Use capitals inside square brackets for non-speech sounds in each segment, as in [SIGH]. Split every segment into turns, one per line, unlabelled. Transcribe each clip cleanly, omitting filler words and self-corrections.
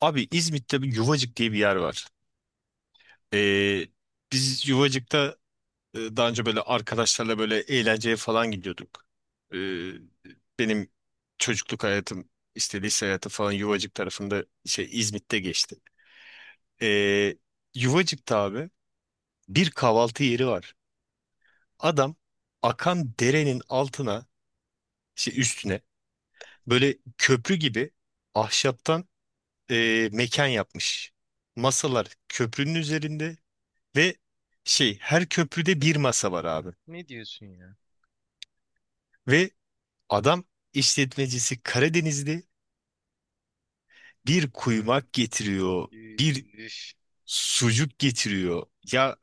Abi İzmit'te bir Yuvacık diye bir yer var. Ee, biz Yuvacık'ta daha önce böyle arkadaşlarla böyle eğlenceye falan gidiyorduk. Ee, benim çocukluk hayatım, işte lise hayatı falan Yuvacık tarafında şey İzmit'te geçti. Ee, Yuvacık'ta abi bir kahvaltı yeri var. Adam akan derenin altına, şey üstüne böyle köprü gibi ahşaptan mekan yapmış. Masalar köprünün üzerinde. Ve şey her köprüde bir masa var abi.
Ne diyorsun ya?
Ve adam işletmecisi Karadenizli bir
Hmm,
kuymak getiriyor. Bir
üf.
sucuk getiriyor. Ya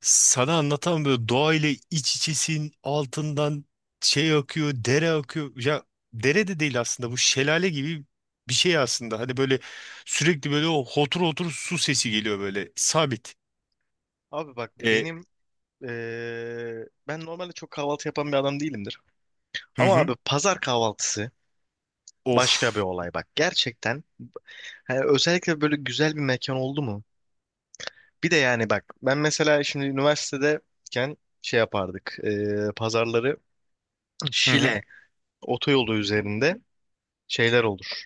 sana anlatan böyle doğayla iç içesin, altından şey akıyor, dere akıyor. Ya dere de değil aslında, bu şelale gibi bir şey aslında. Hani böyle sürekli böyle o hotur hotur su sesi geliyor böyle sabit.
Abi bak
E,
benim ben normalde çok kahvaltı yapan bir adam değilimdir.
hı
Ama
hı.
abi pazar kahvaltısı başka bir
Of.
olay bak. Gerçekten hani özellikle böyle güzel bir mekan oldu mu? Bir de yani bak ben mesela şimdi üniversitedeyken şey yapardık. Pazarları
Hı hı.
Şile otoyolu üzerinde şeyler olur.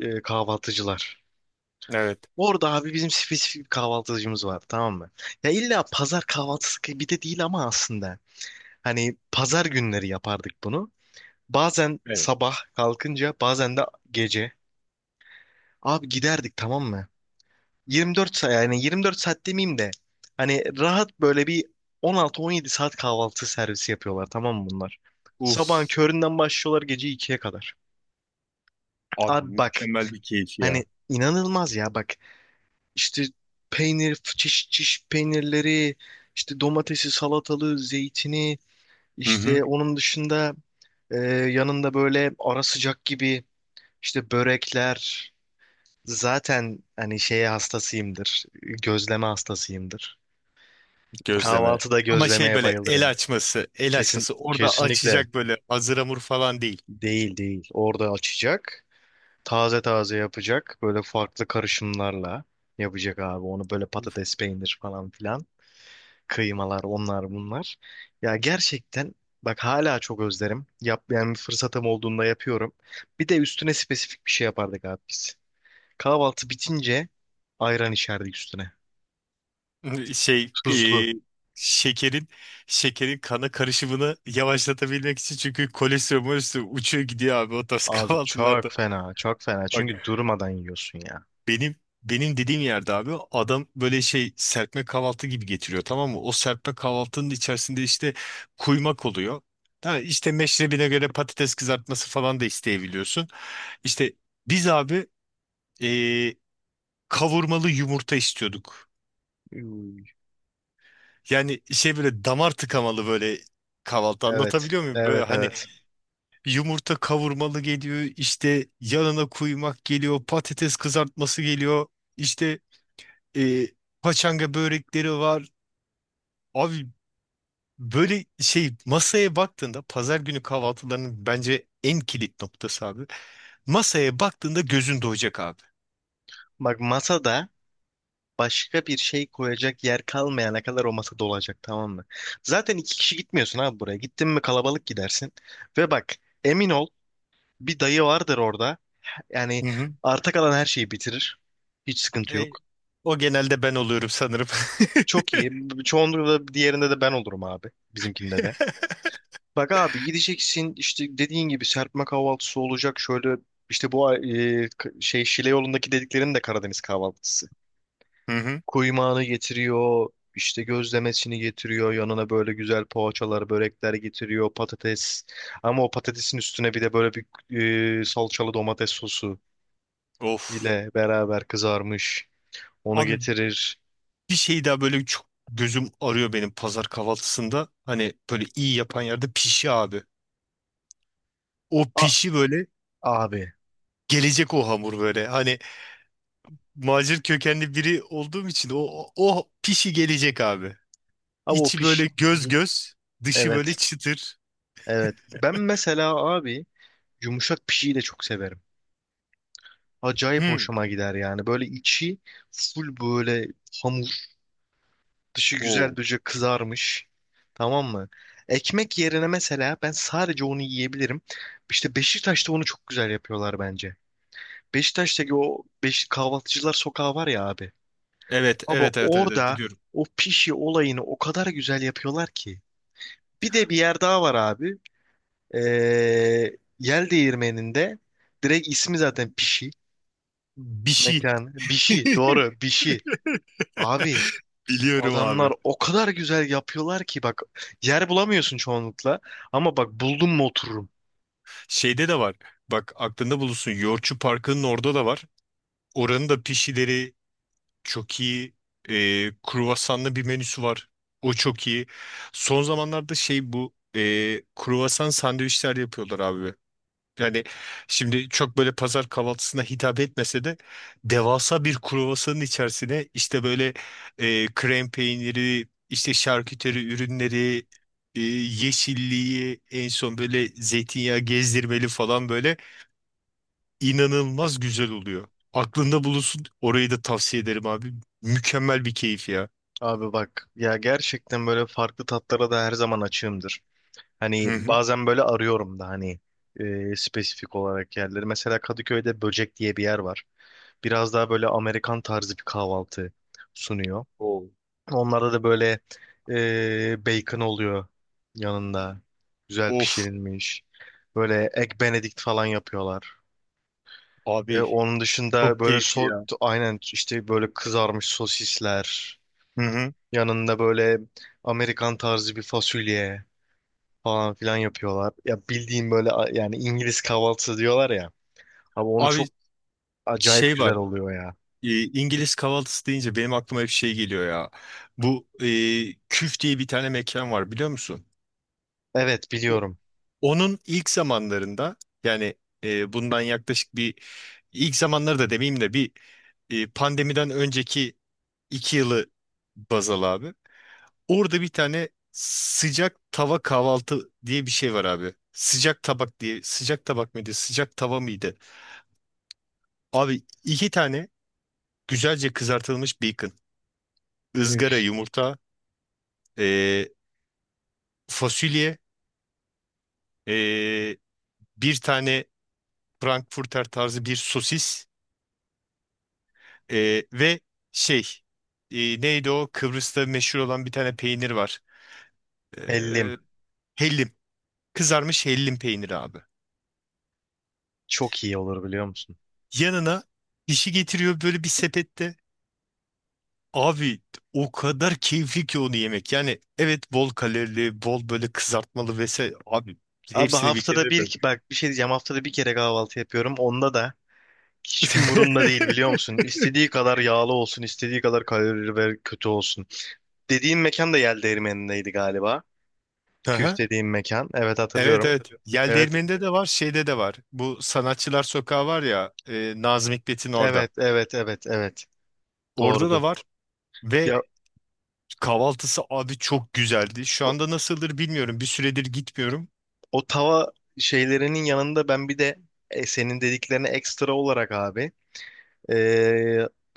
Kahvaltıcılar.
Evet.
Orada abi bizim spesifik bir kahvaltıcımız var, tamam mı? Ya illa pazar kahvaltısı gibi bir de değil ama aslında. Hani pazar günleri yapardık bunu. Bazen
Evet.
sabah kalkınca bazen de gece. Abi giderdik tamam mı? 24 saat, yani 24 saat demeyeyim de hani rahat böyle bir 16-17 saat kahvaltı servisi yapıyorlar tamam mı bunlar? Sabahın
Uf.
köründen başlıyorlar gece ikiye kadar.
Abi
Abi bak,
mükemmel bir keyif
hani
ya.
inanılmaz ya bak, işte peynir, çeşit çeşit peynirleri, işte domatesi, salatalığı, zeytini.
Hı hı.
İşte onun dışında yanında böyle ara sıcak gibi işte börekler. Zaten hani şeye hastasıyımdır. Gözleme hastasıyımdır.
Gözleme.
Kahvaltıda
Ama şey
gözlemeye
böyle el
bayılırım.
açması, el
Kesin,
açması orada
kesinlikle
açacak, böyle hazır hamur falan değil.
değil. Orada açacak. Taze taze yapacak. Böyle farklı karışımlarla yapacak abi. Onu böyle patates, peynir falan filan. Kıymalar, onlar bunlar. Ya gerçekten bak hala çok özlerim. Yap, yani bir fırsatım olduğunda yapıyorum. Bir de üstüne spesifik bir şey yapardık abi biz. Kahvaltı bitince ayran içerdik üstüne.
[LAUGHS] Şey
Tuzlu.
e, şekerin şekerin kana karışımını yavaşlatabilmek için, çünkü kolesterol molesterol uçuyor gidiyor abi o tarz [LAUGHS]
Abi
kahvaltılarda.
çok fena, çok fena.
Bak
Çünkü durmadan yiyorsun ya.
benim benim dediğim yerde abi adam böyle şey serpme kahvaltı gibi getiriyor, tamam mı? O serpme kahvaltının içerisinde işte kuymak oluyor. Ha, işte meşrebine göre patates kızartması falan da isteyebiliyorsun. İşte biz abi eee, kavurmalı yumurta istiyorduk.
Uy.
Yani şey böyle damar tıkamalı böyle kahvaltı,
Evet,
anlatabiliyor muyum? Böyle
evet,
hani evet,
evet.
yumurta kavurmalı geliyor, işte yanına kuymak geliyor, patates kızartması geliyor, işte eee paçanga börekleri var. Abi böyle şey masaya baktığında, pazar günü kahvaltılarının bence en kilit noktası abi. Masaya baktığında gözün doyacak abi.
Bak masada başka bir şey koyacak yer kalmayana kadar o masa dolacak tamam mı? Zaten iki kişi gitmiyorsun abi buraya. Gittin mi kalabalık gidersin. Ve bak, emin ol, bir dayı vardır orada. Yani
Hı hı.
arta kalan her şeyi bitirir. Hiç sıkıntı
E,
yok.
o genelde ben oluyorum sanırım.
Çok iyi. Çoğunlukla diğerinde de ben olurum abi. Bizimkinde de.
[LAUGHS]
Bak abi gideceksin işte dediğin gibi serpme kahvaltısı olacak. Şöyle işte bu Şile yolundaki dediklerinin de Karadeniz kahvaltısı.
Hı hı.
Kuymağını getiriyor. İşte gözlemesini getiriyor. Yanına böyle güzel poğaçalar, börekler getiriyor. Patates. Ama o patatesin üstüne bir de böyle bir salçalı domates sosu
Of.
ile beraber kızarmış. Onu
Abi
getirir.
bir şey daha böyle çok gözüm arıyor benim pazar kahvaltısında. Hani böyle iyi yapan yerde pişi abi. O
A-
pişi böyle
Abi.
gelecek, o hamur böyle. Hani macir kökenli biri olduğum için o pişi gelecek abi.
Abi o
İçi
piş...
böyle göz göz, dışı böyle
Evet.
çıtır.
Evet. Ben mesela abi yumuşak pişiyi de çok severim. Acayip
Hı.
hoşuma gider yani. Böyle içi full böyle hamur. Dışı güzel
Oo.
böyle kızarmış. Tamam mı? Ekmek yerine mesela ben sadece onu yiyebilirim. İşte Beşiktaş'ta onu çok güzel yapıyorlar bence. Beşiktaş'taki o kahvaltıcılar sokağı var ya abi.
Evet,
Abi
evet, evet, evet, evet,
orada
biliyorum.
o pişi olayını o kadar güzel yapıyorlar ki. Bir de bir yer daha var abi. Ee, Yel Değirmeni'nde direkt ismi zaten Pişi.
Bir şey.
Mekan. Bişi. Doğru. Bişi.
[LAUGHS]
Abi
Biliyorum
adamlar
abi.
o kadar güzel yapıyorlar ki bak yer bulamıyorsun çoğunlukla. Ama bak buldum mu otururum.
Şeyde de var. Bak aklında bulunsun, Yoğurtçu Parkı'nın orada da var. Oranın da pişileri çok iyi. Kruvasanlı bir menüsü var. O çok iyi. Son zamanlarda şey bu kruvasan sandviçler yapıyorlar abi. Yani şimdi çok böyle pazar kahvaltısına hitap etmese de devasa bir kruvasanın içerisine işte böyle krem peyniri, işte şarküteri ürünleri, yeşilliği en son böyle zeytinyağı gezdirmeli falan, böyle inanılmaz güzel oluyor. Aklında bulunsun. Orayı da tavsiye ederim abi. Mükemmel bir keyif ya.
Abi bak ya gerçekten böyle farklı tatlara da her zaman açığımdır.
Hı
Hani
hı.
bazen böyle arıyorum da hani spesifik olarak yerleri. Mesela Kadıköy'de Böcek diye bir yer var. Biraz daha böyle Amerikan tarzı bir kahvaltı sunuyor.
Oo.
Onlarda da böyle bacon oluyor yanında. Güzel
Of
pişirilmiş. Böyle egg benedict falan yapıyorlar.
abi,
Onun dışında
çok
böyle
keyifli
so
ya.
aynen işte böyle kızarmış sosisler.
Hı hı.
Yanında böyle Amerikan tarzı bir fasulye falan filan yapıyorlar. Ya bildiğim böyle yani İngiliz kahvaltısı diyorlar ya. Ama onu
Abi
çok acayip
şey
güzel
var.
oluyor ya.
E, İngiliz kahvaltısı deyince benim aklıma hep şey geliyor ya. Bu Küf diye bir tane mekan var, biliyor musun?
Evet
O-
biliyorum.
Onun ilk zamanlarında, yani bundan yaklaşık bir, ilk zamanları da demeyeyim de bir pandemiden önceki 2 yılı baz al abi. Orada bir tane sıcak tava kahvaltı diye bir şey var abi. Sıcak tabak diye, sıcak tabak mıydı, sıcak tava mıydı? Abi iki tane güzelce kızartılmış bacon, ızgara
Üf,
yumurta, e, fasulye, e, bir tane Frankfurter tarzı bir sosis ve şey neydi, o Kıbrıs'ta meşhur olan bir tane peynir var. E,
hellim.
hellim, kızarmış hellim peyniri abi.
Çok iyi olur biliyor musun?
Yanına dişi getiriyor böyle bir sepette. Abi o kadar keyifli ki onu yemek. Yani evet, bol kalorili, bol böyle kızartmalı vesaire. Abi
Abi
hepsini bir kere
haftada bir
yapıyorum.
ki bak bir şey diyeceğim, haftada bir kere kahvaltı yapıyorum. Onda da hiç umurumda değil
[LAUGHS]
biliyor musun? İstediği kadar yağlı olsun, istediği kadar kalorili ve kötü olsun. Dediğin mekan da Yel Değirmeni'ndeydi galiba. Küf
Aha.
dediğim mekan. Evet
Evet,
hatırlıyorum.
evet. Yel
Evet,
Değirmeni'nde de var, şeyde de var. Bu Sanatçılar Sokağı var ya, Nazım Hikmet'in orada.
evet, evet, evet, evet.
Orada da
Doğrudu.
var ve
Ya
kahvaltısı abi çok güzeldi. Şu
bu,
anda nasıldır bilmiyorum. Bir süredir gitmiyorum.
o tava şeylerinin yanında ben bir de senin dediklerine ekstra olarak abi e,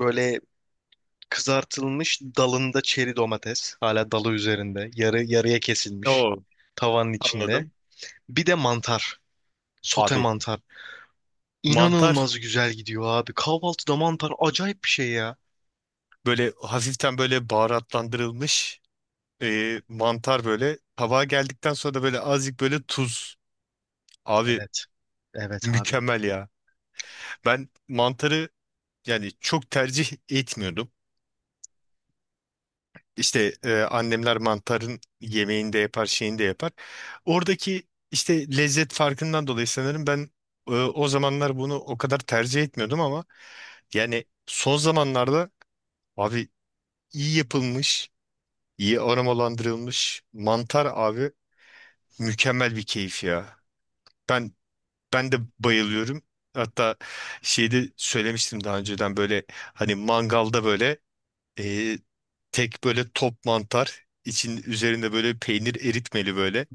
böyle kızartılmış dalında çeri domates. Hala dalı üzerinde. Yarı yarıya kesilmiş.
Oo,
Tavanın içinde.
anladım.
Bir de mantar. Sote
Abi
mantar.
mantar
İnanılmaz güzel gidiyor abi. Kahvaltıda mantar acayip bir şey ya.
böyle hafiften böyle baharatlandırılmış. Mantar böyle. Tabağa geldikten sonra da böyle azıcık böyle tuz. Abi
Evet. Evet abi.
mükemmel ya. Ben mantarı yani çok tercih etmiyordum. İşte annemler mantarın yemeğini de yapar, şeyini de yapar. Oradaki işte lezzet farkından dolayı sanırım ben o zamanlar bunu o kadar tercih etmiyordum ama yani son zamanlarda abi iyi yapılmış, iyi aromalandırılmış mantar abi mükemmel bir keyif ya. Ben Ben de bayılıyorum. Hatta şeyde söylemiştim daha önceden böyle hani mangalda böyle e, tek böyle top mantar için üzerinde böyle peynir eritmeli böyle.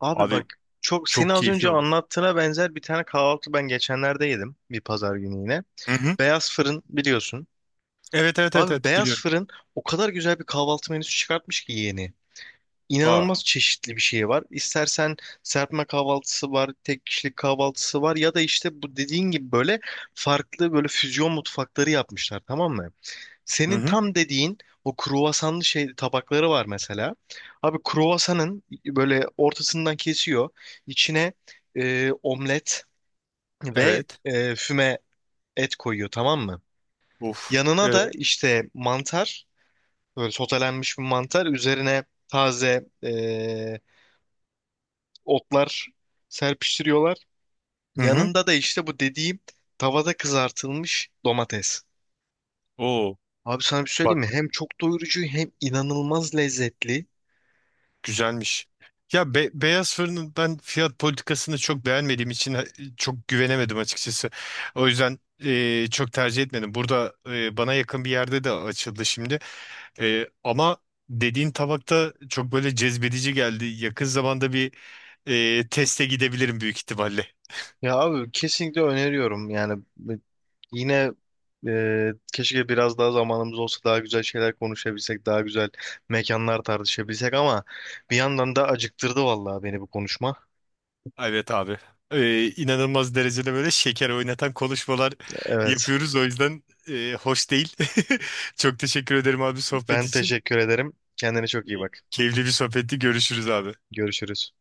Abi bak
Abi
çok seni
çok
az
keyifli
önce
olur.
anlattığına benzer bir tane kahvaltı ben geçenlerde yedim. Bir pazar günü yine.
Hı hı.
Beyaz Fırın biliyorsun.
Evet, evet, evet,
Abi
evet,
Beyaz
biliyorum.
Fırın o kadar güzel bir kahvaltı menüsü çıkartmış ki yeni.
Aa.
İnanılmaz çeşitli bir şey var. İstersen serpme kahvaltısı var, tek kişilik kahvaltısı var ya da işte bu dediğin gibi böyle farklı böyle füzyon mutfakları yapmışlar tamam mı?
Hı
Senin
hı.
tam dediğin o kruvasanlı şey tabakları var mesela. Abi kruvasanın böyle ortasından kesiyor. İçine omlet ve
Evet.
füme et koyuyor tamam mı?
Of.
Yanına da
Evet.
işte mantar, böyle sotelenmiş bir mantar. Üzerine taze otlar serpiştiriyorlar.
Hı hı.
Yanında da işte bu dediğim tavada kızartılmış domates.
Oo.
Abi sana bir şey söyleyeyim mi? Hem çok doyurucu hem inanılmaz lezzetli.
Güzelmiş. Ya beyaz fırının ben fiyat politikasını çok beğenmediğim için çok güvenemedim açıkçası. O yüzden çok tercih etmedim. Burada bana yakın bir yerde de açıldı şimdi. Ama dediğin tabakta çok böyle cezbedici geldi. Yakın zamanda bir teste gidebilirim büyük ihtimalle.
Ya abi kesinlikle öneriyorum. Yani yine keşke biraz daha zamanımız olsa daha güzel şeyler konuşabilsek, daha güzel mekanlar tartışabilsek ama bir yandan da acıktırdı vallahi beni bu konuşma.
Evet abi. İnanılmaz derecede böyle şeker oynatan konuşmalar
Evet.
yapıyoruz. O yüzden hoş değil. [LAUGHS] Çok teşekkür ederim abi sohbet
Ben
için.
teşekkür ederim. Kendine çok iyi bak.
Keyifli bir sohbetti. Görüşürüz abi.
Görüşürüz.